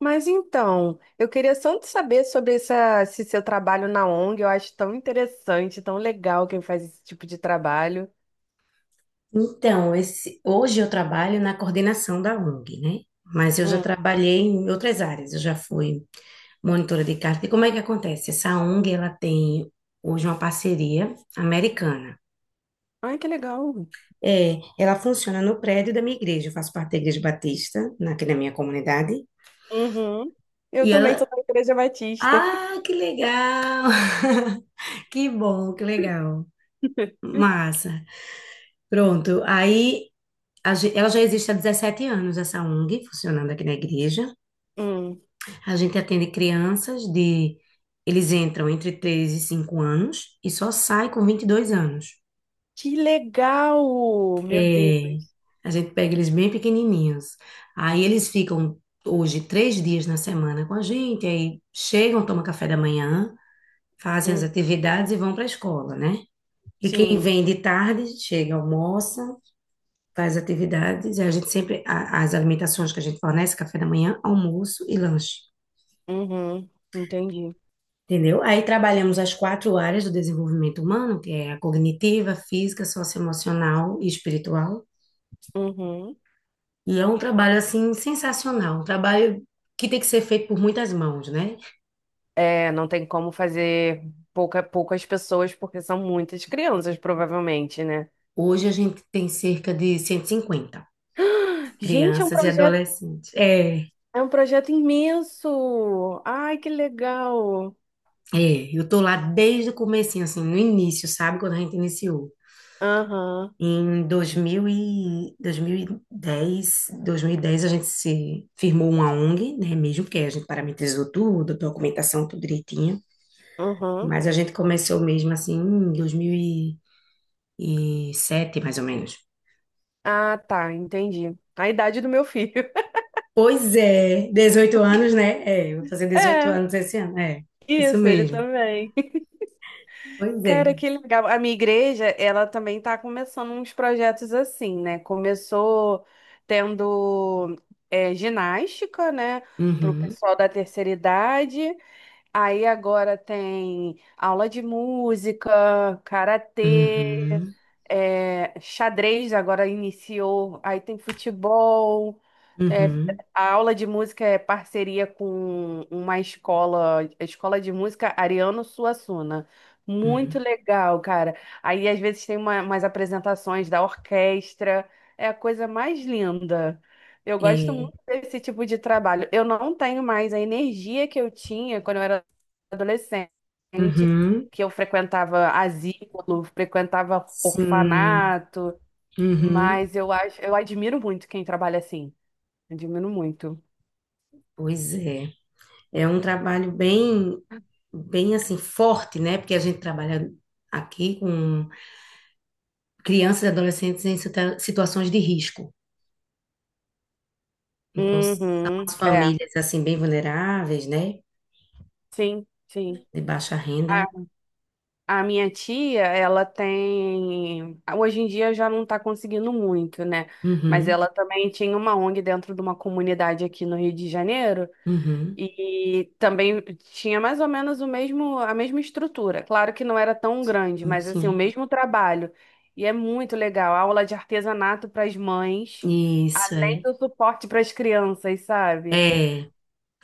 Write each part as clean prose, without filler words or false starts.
Mas então, eu queria só te saber sobre esse seu trabalho na ONG. Eu acho tão interessante, tão legal quem faz esse tipo de trabalho. Então, hoje eu trabalho na coordenação da ONG, né? Mas eu já Hum. trabalhei em outras áreas, eu já fui monitora de carta. E como é que acontece? Essa ONG, ela tem hoje uma parceria americana. Ai, que legal. É, ela funciona no prédio da minha igreja, eu faço parte da Igreja Batista, aqui na minha comunidade. Uhum. Eu E também sou ela, da Igreja Batista. ah, que legal! Que bom, que legal. Massa. Pronto, aí ela já existe há 17 anos, essa ONG, funcionando aqui na igreja. Hum. A gente atende crianças de. Eles entram entre 3 e 5 anos e só saem com 22 anos. Que legal! Meu É, Deus. a gente pega eles bem pequenininhos. Aí eles ficam hoje 3 dias na semana com a gente, aí chegam, tomam café da manhã, fazem as Hum. atividades e vão para a escola, né? E quem Sim. vem de tarde chega, almoça, faz atividades, e a gente sempre, as alimentações que a gente fornece, café da manhã, almoço e lanche. Uhum. Entendi. Entendeu? Aí trabalhamos as quatro áreas do desenvolvimento humano, que é a cognitiva, física, socioemocional e espiritual. Uhum. E é um trabalho assim sensacional, um trabalho que tem que ser feito por muitas mãos, né? É, não tem como fazer poucas pessoas, porque são muitas crianças, provavelmente, né? Hoje a gente tem cerca de 150 Gente, é um crianças e projeto. adolescentes. É, É um projeto imenso. Ai, que legal. é, eu tô lá desde o comecinho, assim, no início, sabe? Quando a gente iniciou. Aham, Em 2010 a gente se firmou uma ONG, né, mesmo que a gente parametrizou tudo, documentação tudo direitinho, aham. mas a gente começou mesmo assim em 2007 mais ou menos. Ah, tá, entendi. A idade do meu filho. Pois é, 18 anos, né? É, vou fazer dezoito É, anos esse ano, é, isso isso, ele mesmo. também. Pois Cara, é. que legal. A minha igreja, ela também tá começando uns projetos assim, né? Começou tendo ginástica, né? Pro Uhum, pessoal da terceira idade. Aí agora tem aula de música, karatê. uhum, É, xadrez agora iniciou, aí tem futebol, é, uhum, a aula de música é parceria com uma escola, a escola de música Ariano Suassuna. uhum. Muito legal, cara. Aí às vezes tem umas apresentações da orquestra, é a coisa mais linda. Eu gosto É, muito desse tipo de trabalho. Eu não tenho mais a energia que eu tinha quando eu era adolescente uhum, que eu frequentava asilo, frequentava sim, orfanato, uhum, mas eu acho, eu admiro muito quem trabalha assim. Admiro muito. pois é. É um trabalho bem, bem assim, forte, né? Porque a gente trabalha aqui com crianças e adolescentes em situações de risco. Então, são as Uhum, é, famílias, assim, bem vulneráveis, né? sim, sim. De baixa renda. A, a minha tia, ela tem. Hoje em dia já não tá conseguindo muito, né? Mas Uhum, ela também tinha uma ONG dentro de uma comunidade aqui no Rio de Janeiro. uhum, E também tinha mais ou menos a mesma estrutura. Claro que não era tão grande, mas assim, o sim. mesmo trabalho. E é muito legal. Aula de artesanato para as mães, Isso, além é. do suporte para as crianças, sabe? É,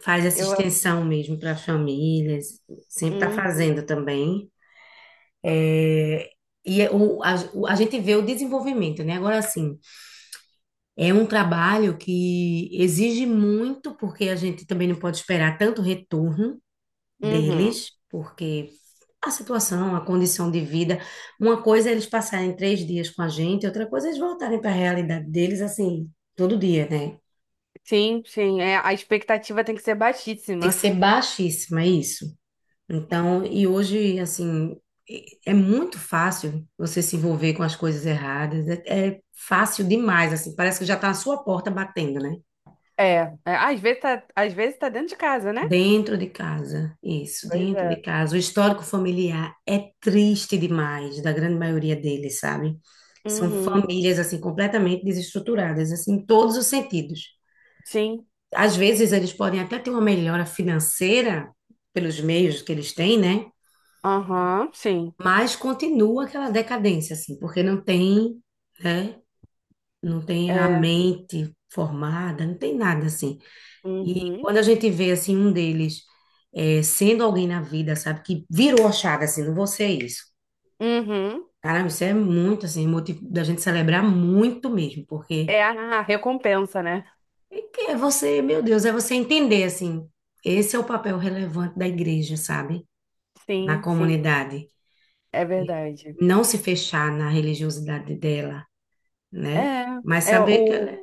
faz essa Eu. extensão mesmo para as famílias. Sempre está Hum, fazendo também. É. A gente vê o desenvolvimento, né? Agora, assim, é um trabalho que exige muito, porque a gente também não pode esperar tanto retorno uhum. deles, porque a situação, a condição de vida, uma coisa é eles passarem 3 dias com a gente, outra coisa é eles voltarem para a realidade deles, assim, todo dia, né? Sim, sim. É, a expectativa tem que ser Tem que baixíssima. ser baixíssima, é isso. Então, e hoje, assim, é muito fácil você se envolver com as coisas erradas, é fácil demais, assim, parece que já está à sua porta batendo, né? É, às vezes às vezes tá dentro de casa, né? Dentro de casa, isso, Pois dentro de é. casa. O histórico familiar é triste demais, da grande maioria deles, sabe? São Uhum. famílias assim completamente desestruturadas, assim, em todos os sentidos. Sim. Às vezes eles podem até ter uma melhora financeira pelos meios que eles têm, né? Aham, sim. Mas continua aquela decadência, assim, porque não tem, né? Não tem a É. mente formada, não tem nada assim. E Uhum. quando a gente vê, assim, um deles é, sendo alguém na vida, sabe, que virou a chave, assim, não vou ser isso. Uhum. Caramba, isso é muito, assim, motivo da gente celebrar muito mesmo, porque É a recompensa, né? é que é você, meu Deus, é você entender, assim, esse é o papel relevante da igreja, sabe, na Sim, sim, comunidade. é E verdade. não se fechar na religiosidade dela, né, É, mas é saber que ela é...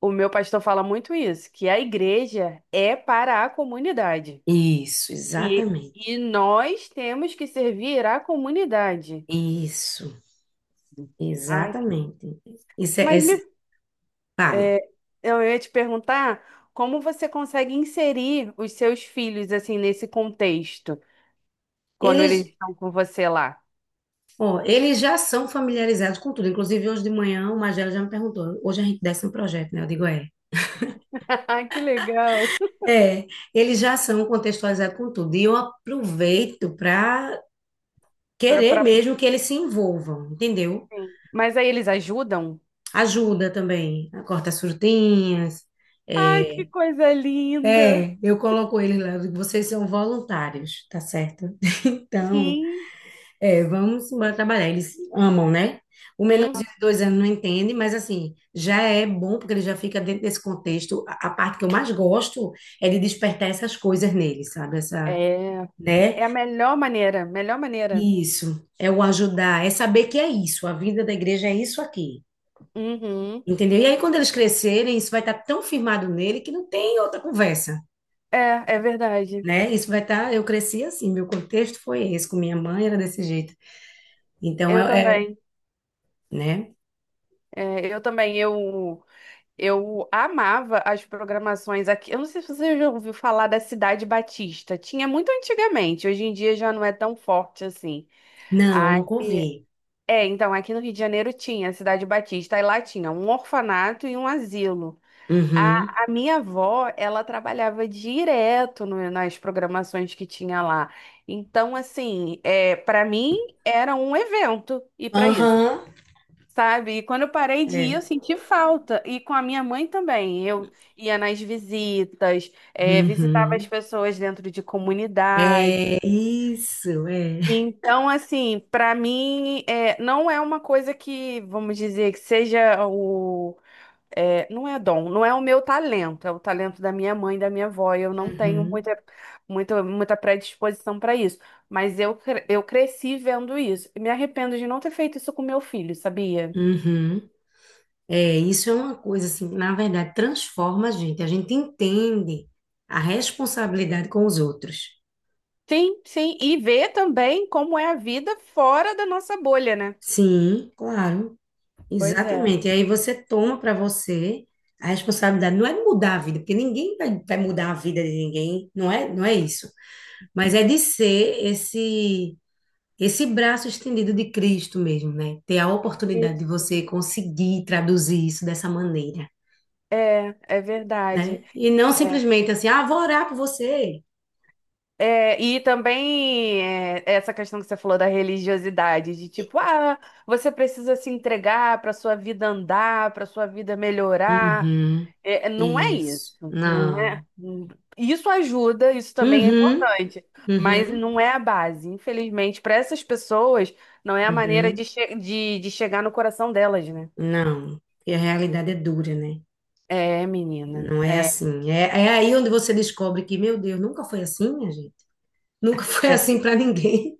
o meu pastor fala muito isso, que a igreja é para a comunidade. Isso, E, exatamente. e nós temos que servir à comunidade. Isso, Ai, exatamente. Isso é, é, mas me, Fale. é, eu ia te perguntar como você consegue inserir os seus filhos assim nesse contexto, quando eles estão com você lá. Ó, eles já são familiarizados com tudo. Inclusive, hoje de manhã, o Magela já me perguntou. Hoje a gente desce um projeto, né? Eu digo, é. Ai, que legal. É, eles já são contextualizados com tudo. E eu aproveito para Pra, querer pra, mesmo que eles se envolvam, entendeu? sim. Mas aí eles ajudam? Ajuda também, corta as frutinhas. Ai, que É, coisa linda. é, eu coloco eles lá, eu digo, vocês são voluntários, tá certo? Então, Sim. é, vamos embora trabalhar. Eles amam, né? O menorzinho Uhum. de 2 anos não entende, mas assim, já é bom porque ele já fica dentro desse contexto. A parte que eu mais gosto é de despertar essas coisas nele, sabe? Essa, É, né? é a melhor maneira, melhor maneira. Isso, é o ajudar, é saber que é isso, a vida da igreja é isso aqui, Uhum. entendeu? E aí quando eles crescerem, isso vai estar tão firmado nele que não tem outra conversa, É, é verdade. né? Isso vai estar, eu cresci assim, meu contexto foi esse, com minha mãe era desse jeito. Então, Eu é, é, também. né? É, eu também. Eu amava as programações aqui. Eu não sei se você já ouviu falar da Cidade Batista. Tinha muito antigamente. Hoje em dia já não é tão forte assim. Não, nunca Aí, ouvi. é, então aqui no Rio de Janeiro tinha a Cidade Batista. Aí lá tinha um orfanato e um asilo. Uhum. A minha avó, ela trabalhava direto nas programações que tinha lá. Então, assim, é, para mim era um evento ir para isso, Aham, sabe? E quando eu parei de ir, é. eu senti falta. E com a minha mãe também. Eu ia nas visitas, é, visitava as Uhum. pessoas dentro de comunidade. É isso, é. Então, assim, para mim, é, não é uma coisa que, vamos dizer, que seja o é, não é dom, não é o meu talento, é o talento da minha mãe, da minha avó. Eu não tenho Uhum. muita, muita, muita predisposição para isso, mas eu cresci vendo isso. E me arrependo de não ter feito isso com meu filho, sabia? Uhum. É, isso é uma coisa assim, na verdade, transforma a gente. A gente entende a responsabilidade com os outros. Sim, sim, e ver também como é a vida fora da nossa bolha, né? Sim, claro, Pois é. exatamente. E aí você toma para você a responsabilidade, não é de mudar a vida, porque ninguém vai mudar a vida de ninguém, não é, não é isso. Mas é de ser esse esse braço estendido de Cristo mesmo, né? Ter a oportunidade de Isso. você conseguir traduzir isso dessa maneira, É, é verdade. né? E não É. simplesmente assim, ah, vou orar por você. É, e também é, essa questão que você falou da religiosidade, de tipo, ah, você precisa se entregar para sua vida andar, para sua vida melhorar. Uhum, É, é, não é isso, isso. não é. Não. Hum, isso ajuda, isso também é Uhum, importante, mas uhum, não é a base. Infelizmente, para essas pessoas, não é a maneira uhum. de, de chegar no coração delas, né? Não. E a realidade é dura, né? É, menina, Não é é, assim. É, é aí onde você descobre que, meu Deus, nunca foi assim, minha gente. Nunca foi é assim para ninguém.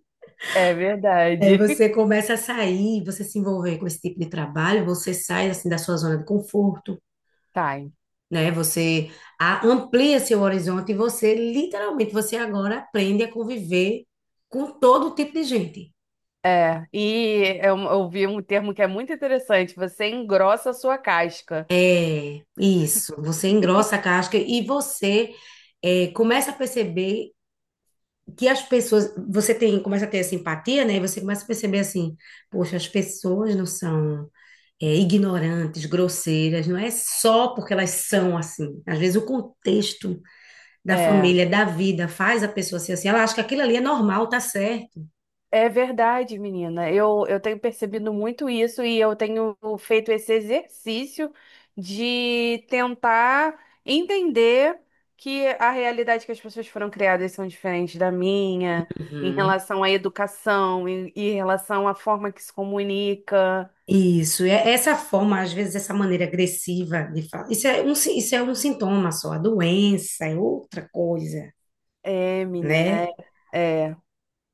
é Aí verdade. você começa a sair, você se envolver com esse tipo de trabalho, você sai assim da sua zona de conforto, Tá, né? Você amplia seu horizonte e você literalmente você agora aprende a conviver com todo tipo de gente. é, e eu vi um termo que é muito interessante, você engrossa a sua casca. É isso, você engrossa a casca e você é, começa a perceber que as pessoas, você tem, começa a ter essa empatia, né? E você começa a perceber assim, poxa, as pessoas não são é, ignorantes, grosseiras, não é só porque elas são assim. Às vezes o contexto da É, família, da vida, faz a pessoa ser assim. Ela acha que aquilo ali é normal, tá certo. é verdade, menina. Eu tenho percebido muito isso e eu tenho feito esse exercício de tentar entender que a realidade que as pessoas foram criadas são diferentes da minha, em Uhum. relação à educação, em relação à forma que se comunica. Isso, e é- essa forma, às vezes, essa maneira agressiva de falar, isso é um, isso é um sintoma só, a doença é outra coisa, É, menina, né? é. É.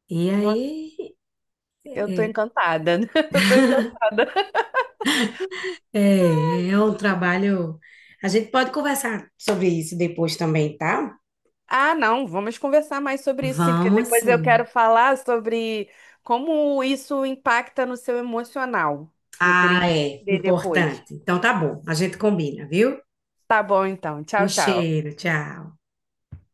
E Nossa, aí, eu tô é, encantada. Eu tô encantada. é, é um trabalho, a gente pode conversar sobre isso depois também, tá? Ah, não, vamos conversar mais sobre isso, sim, porque Vamos depois eu sim. quero falar sobre como isso impacta no seu emocional. Eu queria Ah, é, entender depois. importante. Então tá bom, a gente combina, viu? Tá bom, então. Um Tchau, tchau. cheiro, tchau.